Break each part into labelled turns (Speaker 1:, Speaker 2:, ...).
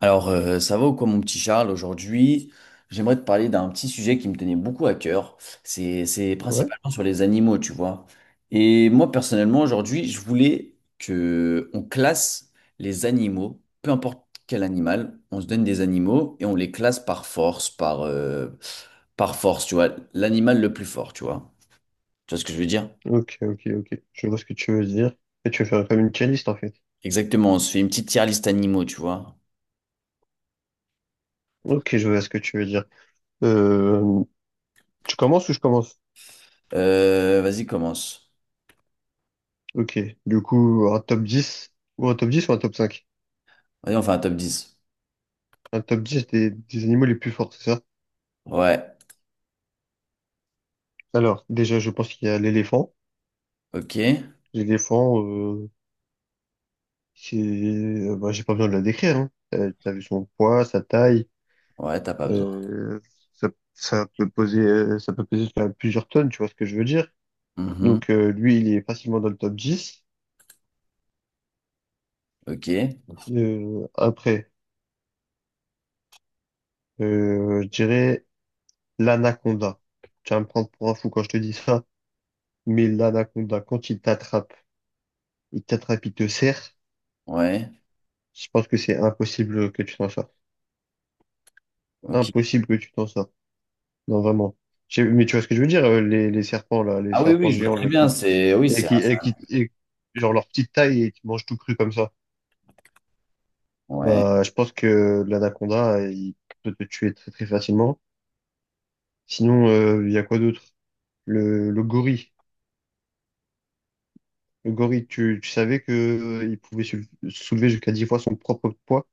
Speaker 1: Alors, ça va ou quoi, mon petit Charles? Aujourd'hui, j'aimerais te parler d'un petit sujet qui me tenait beaucoup à cœur. C'est
Speaker 2: Ouais,
Speaker 1: principalement sur les animaux, tu vois. Et moi, personnellement, aujourd'hui, je voulais que on classe les animaux, peu importe quel animal, on se donne des animaux et on les classe par force, par force, tu vois. L'animal le plus fort, tu vois. Tu vois ce que je veux dire?
Speaker 2: ok. Je vois ce que tu veux dire. Et tu veux faire comme une playlist en fait.
Speaker 1: Exactement, on se fait une petite tier list animaux, tu vois.
Speaker 2: Ok, je vois ce que tu veux dire. Euh, Tu commences ou je commence?
Speaker 1: Vas-y, commence.
Speaker 2: Ok, du coup, un top 10 ou un top cinq.
Speaker 1: Vas-y, on fait un top 10.
Speaker 2: Un top 10 des animaux les plus forts, c'est ça?
Speaker 1: Ouais,
Speaker 2: Alors, déjà, je pense qu'il y a l'éléphant.
Speaker 1: ok.
Speaker 2: L'éléphant, c'est, bah, j'ai pas besoin de la décrire, hein. T'as vu son poids, sa taille,
Speaker 1: Ouais, t'as pas besoin.
Speaker 2: euh, ça, ça peut poser, ça peut peser jusqu'à plusieurs tonnes, tu vois ce que je veux dire?
Speaker 1: Mhm.
Speaker 2: Donc, lui, il est facilement dans le top 10.
Speaker 1: Ok.
Speaker 2: Après, je dirais l'anaconda. Tu vas me prendre pour un fou quand je te dis ça, mais l'anaconda, quand il t'attrape, il t'attrape, il te serre,
Speaker 1: Ouais.
Speaker 2: je pense que c'est impossible que tu t'en sortes.
Speaker 1: Ok.
Speaker 2: Impossible que tu t'en sortes. Non, vraiment. Mais tu vois ce que je veux dire, les serpents, là, les
Speaker 1: Ah oui,
Speaker 2: serpents
Speaker 1: oui, je vois
Speaker 2: géants,
Speaker 1: très
Speaker 2: là,
Speaker 1: bien. C'est oui,
Speaker 2: et qui, et qui, et- genre leur petite taille et qui mangent tout cru comme ça.
Speaker 1: ouais.
Speaker 2: Bah, je pense que l'anaconda, il peut te tuer très, très facilement. Sinon, il y a quoi d'autre? Le gorille. Le gorille, tu savais que il pouvait soulever jusqu'à 10 fois son propre poids.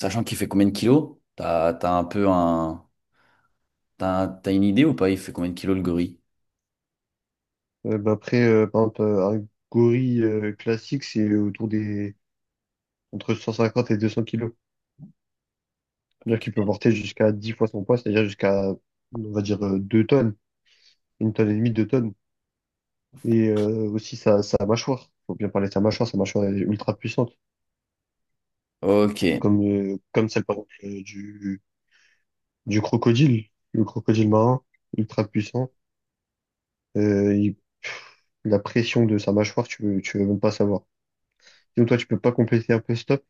Speaker 1: Sachant qu'il fait combien de kilos? T'as, t'as un peu un. T'as une idée ou pas? Il fait combien de kilos le gorille?
Speaker 2: Bah après, par exemple, un gorille classique, c'est autour des entre 150 et 200 kilos. C'est-à-dire qu'il
Speaker 1: Ok.
Speaker 2: peut porter jusqu'à 10 fois son poids, c'est-à-dire jusqu'à, on va dire, 2 tonnes, 1 tonne et demie, 2 tonnes. Et aussi sa, sa mâchoire. Faut bien parler de sa mâchoire est ultra puissante,
Speaker 1: Ok.
Speaker 2: comme celle, par exemple, du crocodile, le crocodile marin, ultra puissant. Il La pression de sa mâchoire, tu veux même pas savoir. Sinon, toi, tu peux pas compléter un peu stop?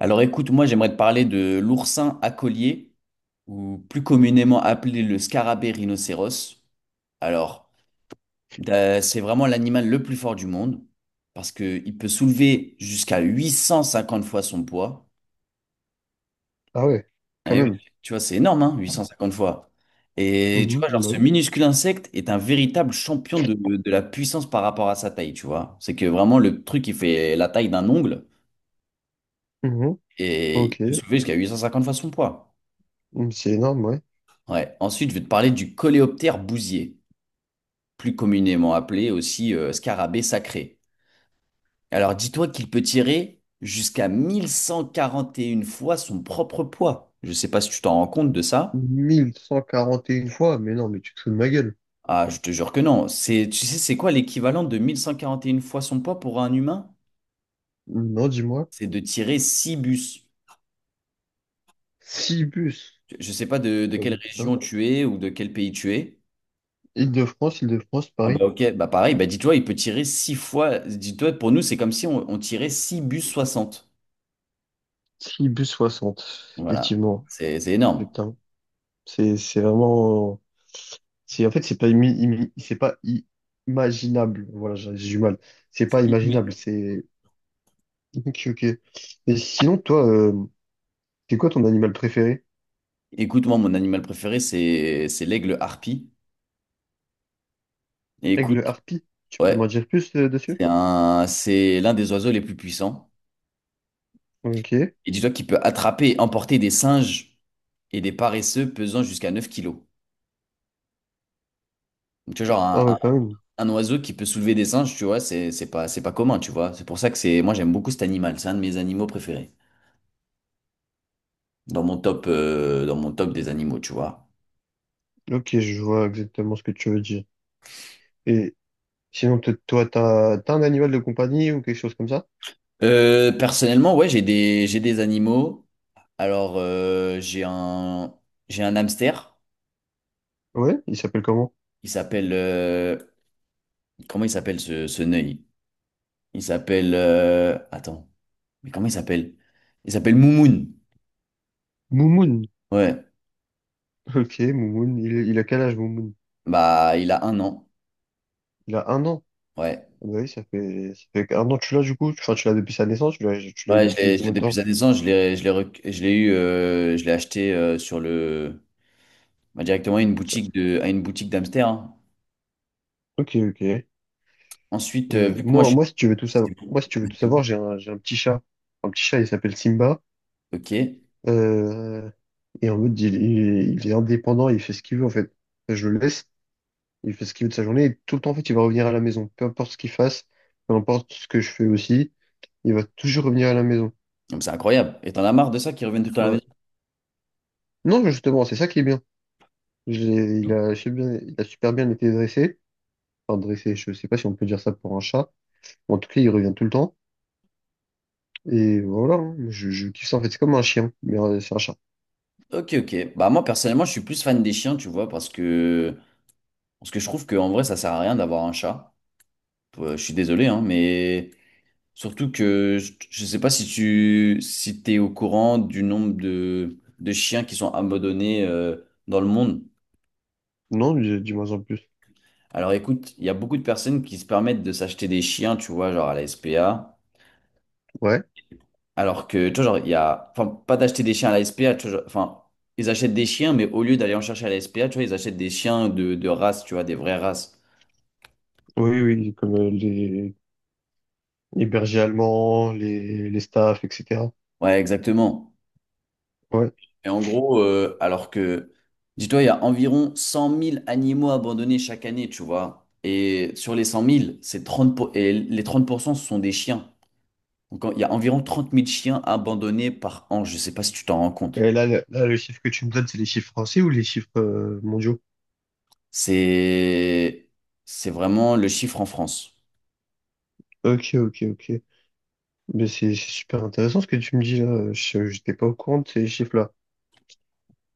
Speaker 1: Alors écoute, moi j'aimerais te parler de l'oursin à collier, ou plus communément appelé le scarabée rhinocéros. Alors, c'est vraiment l'animal le plus fort du monde, parce qu'il peut soulever jusqu'à 850 fois son poids.
Speaker 2: Ah ouais, quand
Speaker 1: Eh oui,
Speaker 2: même.
Speaker 1: tu vois, c'est énorme, hein, 850 fois. Et tu
Speaker 2: Mhm,
Speaker 1: vois, genre,
Speaker 2: bah
Speaker 1: ce
Speaker 2: oui.
Speaker 1: minuscule insecte est un véritable champion de la puissance par rapport à sa taille, tu vois. C'est que vraiment, le truc, il fait la taille d'un ongle
Speaker 2: Mhm.
Speaker 1: et il
Speaker 2: Ok.
Speaker 1: peut soulever jusqu'à 850 fois son poids.
Speaker 2: Mm, c'est énorme, ouais.
Speaker 1: Ouais. Ensuite, je vais te parler du coléoptère bousier, plus communément appelé aussi scarabée sacré. Alors, dis-toi qu'il peut tirer jusqu'à 1141 fois son propre poids. Je sais pas si tu t'en rends compte de ça.
Speaker 2: 1141 fois, mais non, mais tu te fous de ma gueule.
Speaker 1: Ah, je te jure que non. C'est, tu sais, c'est quoi l'équivalent de 1141 fois son poids pour un humain?
Speaker 2: Non, dis-moi.
Speaker 1: C'est de tirer 6 bus.
Speaker 2: 6 bus.
Speaker 1: Je ne sais pas de
Speaker 2: Ah
Speaker 1: quelle
Speaker 2: bah, putain.
Speaker 1: région tu es ou de quel pays tu es.
Speaker 2: Île-de-France, Île-de-France,
Speaker 1: Ah
Speaker 2: Paris.
Speaker 1: bah ok, bah pareil, bah dis-toi, il peut tirer six fois. Dis-toi, pour nous, c'est comme si on tirait 6 bus 60.
Speaker 2: 6 bus 60.
Speaker 1: Voilà,
Speaker 2: Effectivement.
Speaker 1: c'est énorme.
Speaker 2: Putain. C'est vraiment. C'est, en fait, c'est pas, c'est pas imaginable. Voilà, j'ai du mal. C'est
Speaker 1: C'est
Speaker 2: pas
Speaker 1: inhumain.
Speaker 2: imaginable. C'est ok, ok. Et sinon, toi, c'est quoi ton animal préféré?
Speaker 1: Écoute, moi, mon animal préféré, c'est l'aigle harpie. Et écoute,
Speaker 2: Aigle, harpie? Tu peux m'en
Speaker 1: ouais,
Speaker 2: dire plus dessus?
Speaker 1: c'est un, c'est l'un des oiseaux les plus puissants.
Speaker 2: Ok.
Speaker 1: Et dis-toi qu'il peut attraper et emporter des singes et des paresseux pesant jusqu'à 9 kilos. Donc, tu vois, genre
Speaker 2: Ah ouais, quand même.
Speaker 1: un oiseau qui peut soulever des singes, tu vois, c'est pas, c'est pas commun, tu vois. C'est pour ça que c'est, moi j'aime beaucoup cet animal, c'est un de mes animaux préférés. Dans mon top des animaux, tu vois.
Speaker 2: Ok, je vois exactement ce que tu veux dire. Et sinon, toi, t'as un animal de compagnie ou quelque chose comme ça?
Speaker 1: Personnellement, ouais, j'ai des animaux. Alors, j'ai un hamster.
Speaker 2: Ouais, il s'appelle comment?
Speaker 1: Il s'appelle, comment il s'appelle ce, ce nœud? Il s'appelle, attends, mais comment il s'appelle? Il s'appelle Moumoun.
Speaker 2: Moumoun.
Speaker 1: Ouais,
Speaker 2: Ok, Moumoun. Il a quel âge, Moumoun?
Speaker 1: bah, il a 1 an.
Speaker 2: Il a 1 an.
Speaker 1: Ouais.
Speaker 2: Ah bah oui, ça fait 1 an que tu l'as du coup. Enfin, tu l'as depuis sa naissance, tu l'as eu
Speaker 1: Ouais,
Speaker 2: depuis
Speaker 1: je l'ai
Speaker 2: combien de
Speaker 1: depuis
Speaker 2: temps?
Speaker 1: sa naissance, je l'ai eu, je l'ai acheté sur le, bah, directement à une
Speaker 2: Ça-
Speaker 1: boutique de, à une boutique d'Amster. Hein.
Speaker 2: Ok, ok.
Speaker 1: Ensuite,
Speaker 2: Euh,
Speaker 1: vu que moi
Speaker 2: moi,
Speaker 1: je
Speaker 2: moi, si tu veux tout savoir,
Speaker 1: suis,
Speaker 2: moi, si tu veux tout savoir, j'ai un petit chat. Un petit chat, il s'appelle Simba.
Speaker 1: ok,
Speaker 2: Euh, et en mode, il est indépendant, il fait ce qu'il veut, en fait. Je le laisse, il fait ce qu'il veut de sa journée. Et tout le temps, en fait, il va revenir à la maison. Peu importe ce qu'il fasse, peu importe ce que je fais aussi, il va toujours revenir à la maison.
Speaker 1: donc c'est incroyable. Et t'en as marre de ça qui reviennent tout le temps à la
Speaker 2: Voilà.
Speaker 1: maison?
Speaker 2: Non, mais justement, c'est ça qui est bien. Il a super bien, il a super bien été dressé. Enfin, dressé, je sais pas si on peut dire ça pour un chat. En tout cas, il revient tout le temps. Et voilà, hein. Je kiffe ça, en fait. C'est comme un chien, mais c'est un chat.
Speaker 1: Ok, ok. Bah moi personnellement, je suis plus fan des chiens, tu vois, parce que je trouve qu'en vrai, ça sert à rien d'avoir un chat. Je suis désolé, hein, mais surtout que je sais pas si tu, si t'es au courant du nombre de chiens qui sont abandonnés dans le monde.
Speaker 2: Non, dis-moi en plus.
Speaker 1: Alors écoute, il y a beaucoup de personnes qui se permettent de s'acheter des chiens, tu vois, genre à la SPA.
Speaker 2: Ouais.
Speaker 1: Alors que, tu vois, genre, il y a. Enfin, pas d'acheter des chiens à la SPA, tu vois, genre- enfin, ils achètent des chiens, mais au lieu d'aller en chercher à la SPA, tu vois, ils achètent des chiens de race, tu vois, des vraies races.
Speaker 2: Oui, oui, comme les bergers allemands, les staffs, etc.
Speaker 1: Ouais, exactement.
Speaker 2: Ouais.
Speaker 1: Et en gros, alors que, dis-toi, il y a environ 100 000 animaux abandonnés chaque année, tu vois. Et sur les 100 000, et les 30% ce sont des chiens. Donc, il y a environ 30 000 chiens abandonnés par an. Je sais pas si tu t'en rends compte.
Speaker 2: Et là, là, le chiffre que tu me donnes, c'est les chiffres français ou les chiffres mondiaux?
Speaker 1: C'est c'est vraiment le chiffre en France.
Speaker 2: Ok, ok, ok. Mais c'est super intéressant ce que tu me dis là. Je n'étais pas au courant de ces chiffres-là.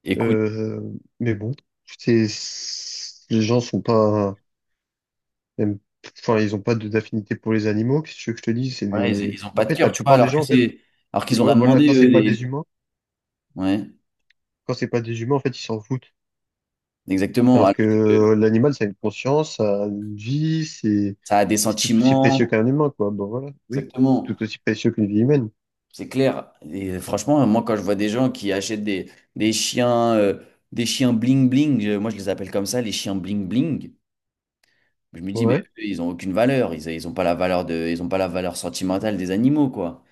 Speaker 1: Écoute,
Speaker 2: Euh, mais bon, c'est, les gens sont pas, aiment- enfin, ils ont pas d'affinité pour les animaux. Qu'est-ce que tu veux que je te dise? C'est
Speaker 1: voilà,
Speaker 2: des,
Speaker 1: ils ont pas
Speaker 2: en
Speaker 1: de
Speaker 2: fait, la
Speaker 1: cœur, tu vois,
Speaker 2: plupart des
Speaker 1: alors que
Speaker 2: gens, en fait,
Speaker 1: c'est alors qu'ils ont
Speaker 2: ouais,
Speaker 1: rien
Speaker 2: voilà,
Speaker 1: demandé
Speaker 2: quand
Speaker 1: eux,
Speaker 2: c'est pas des humains,
Speaker 1: ouais,
Speaker 2: quand c'est pas des humains, en fait, ils s'en foutent.
Speaker 1: exactement.
Speaker 2: Alors
Speaker 1: Alors
Speaker 2: que
Speaker 1: que
Speaker 2: l'animal, ça a une conscience, ça a une vie,
Speaker 1: ça a des
Speaker 2: c'est tout aussi précieux
Speaker 1: sentiments,
Speaker 2: qu'un humain, quoi. Bon, voilà, oui, c'est
Speaker 1: exactement.
Speaker 2: tout aussi précieux qu'une vie humaine.
Speaker 1: C'est clair. Et franchement, moi quand je vois des gens qui achètent des chiens euh, des chiens bling bling, moi je les appelle comme ça, les chiens bling bling. Je me dis mais
Speaker 2: Ouais,
Speaker 1: eux, ils ont aucune valeur, ils ont pas la valeur de ils ont pas la valeur sentimentale des animaux quoi.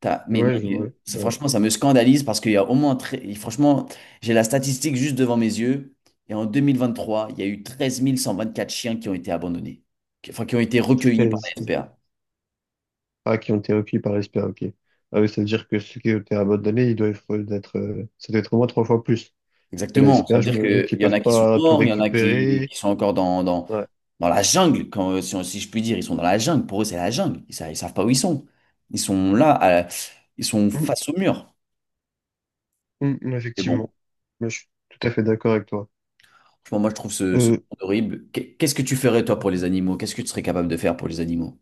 Speaker 1: Mais non,
Speaker 2: ouais, je vois. C'est vrai.
Speaker 1: franchement, ça me scandalise parce qu'il y a au moins, et franchement, j'ai la statistique juste devant mes yeux. Et en 2023, il y a eu 13 124 chiens qui ont été abandonnés, enfin qui ont été recueillis par la
Speaker 2: 13.
Speaker 1: SPA.
Speaker 2: Ah, qui ont été recueillis par l'espère, ok. Ah oui, ça veut dire que ceux qui ont été abandonnés, ils doivent être, ça doit être au moins 3 fois plus que la
Speaker 1: Exactement. Ça
Speaker 2: SPA.
Speaker 1: veut
Speaker 2: Je
Speaker 1: dire
Speaker 2: me doute
Speaker 1: qu'il
Speaker 2: qu'ils
Speaker 1: y en
Speaker 2: peuvent
Speaker 1: a qui sont
Speaker 2: pas tout
Speaker 1: morts, il y en a
Speaker 2: récupérer.
Speaker 1: qui sont encore
Speaker 2: Ouais.
Speaker 1: dans la jungle, quand, si, si je puis dire. Ils sont dans la jungle. Pour eux, c'est la jungle. Ils, savent pas où ils sont. Ils sont là, à- ils sont
Speaker 2: Hum,
Speaker 1: face au mur.
Speaker 2: hum,
Speaker 1: Mais bon,
Speaker 2: effectivement. Moi, je suis tout à fait d'accord avec toi.
Speaker 1: franchement, moi, je trouve ce, ce
Speaker 2: Euh,
Speaker 1: monde horrible. Qu'est-ce que tu ferais, toi, pour les animaux? Qu'est-ce que tu serais capable de faire pour les animaux?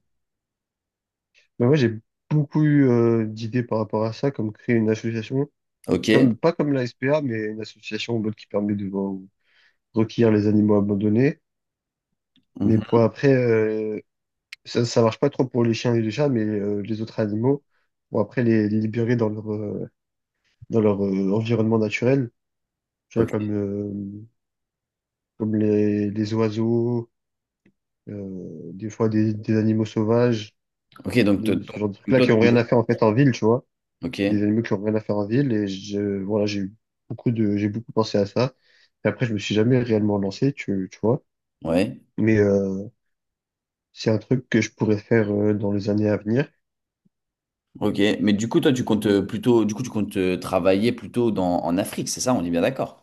Speaker 2: Bah moi, j'ai beaucoup eu d'idées par rapport à ça, comme créer une association.
Speaker 1: Ok.
Speaker 2: Comme, pas comme la SPA, mais une association ou l'autre qui permet de recueillir les animaux abandonnés. Mais pour
Speaker 1: Mhm.
Speaker 2: après, ça, ça marche pas trop pour les chiens et les chats, mais les autres animaux, pour après les libérer dans leur environnement naturel, tu vois,
Speaker 1: Ok.
Speaker 2: comme les oiseaux, euh, des fois des animaux sauvages,
Speaker 1: Ok, donc,
Speaker 2: ce
Speaker 1: donc,
Speaker 2: genre de trucs-là
Speaker 1: toi,
Speaker 2: qui ont rien à faire en fait en ville, tu vois,
Speaker 1: ok,
Speaker 2: des animaux qui ont rien à faire en ville. Et voilà, j'ai beaucoup pensé à ça. Et après, je me suis jamais réellement lancé, tu vois.
Speaker 1: ouais,
Speaker 2: Mais c'est un truc que je pourrais faire dans les années à venir.
Speaker 1: ok. Mais du coup, toi, tu comptes
Speaker 2: Euh,
Speaker 1: plutôt, du coup, tu comptes travailler plutôt dans, en Afrique, c'est ça? On est bien d'accord.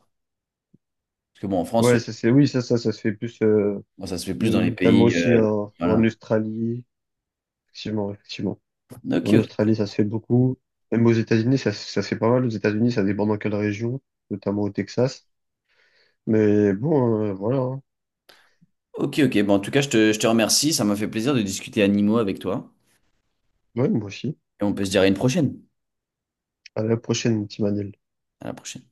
Speaker 1: Parce que bon, en France,
Speaker 2: Ouais, ça c'est, oui, ça se fait plus,
Speaker 1: bon, ça se fait plus dans les
Speaker 2: notamment
Speaker 1: pays,
Speaker 2: aussi en, en
Speaker 1: voilà.
Speaker 2: Australie. Effectivement, effectivement.
Speaker 1: Ok,
Speaker 2: En
Speaker 1: ok,
Speaker 2: Australie, ça se fait beaucoup. Même aux États-Unis, ça, ça se fait pas mal. Aux États-Unis, ça dépend dans quelle région, notamment au Texas. Mais bon, voilà, hein.
Speaker 1: ok. Ok. Bon, en tout cas, je te remercie. Ça m'a fait plaisir de discuter animaux avec toi.
Speaker 2: Ouais, moi aussi.
Speaker 1: Et on peut se dire à une prochaine.
Speaker 2: À la prochaine, petit Manel.
Speaker 1: À la prochaine.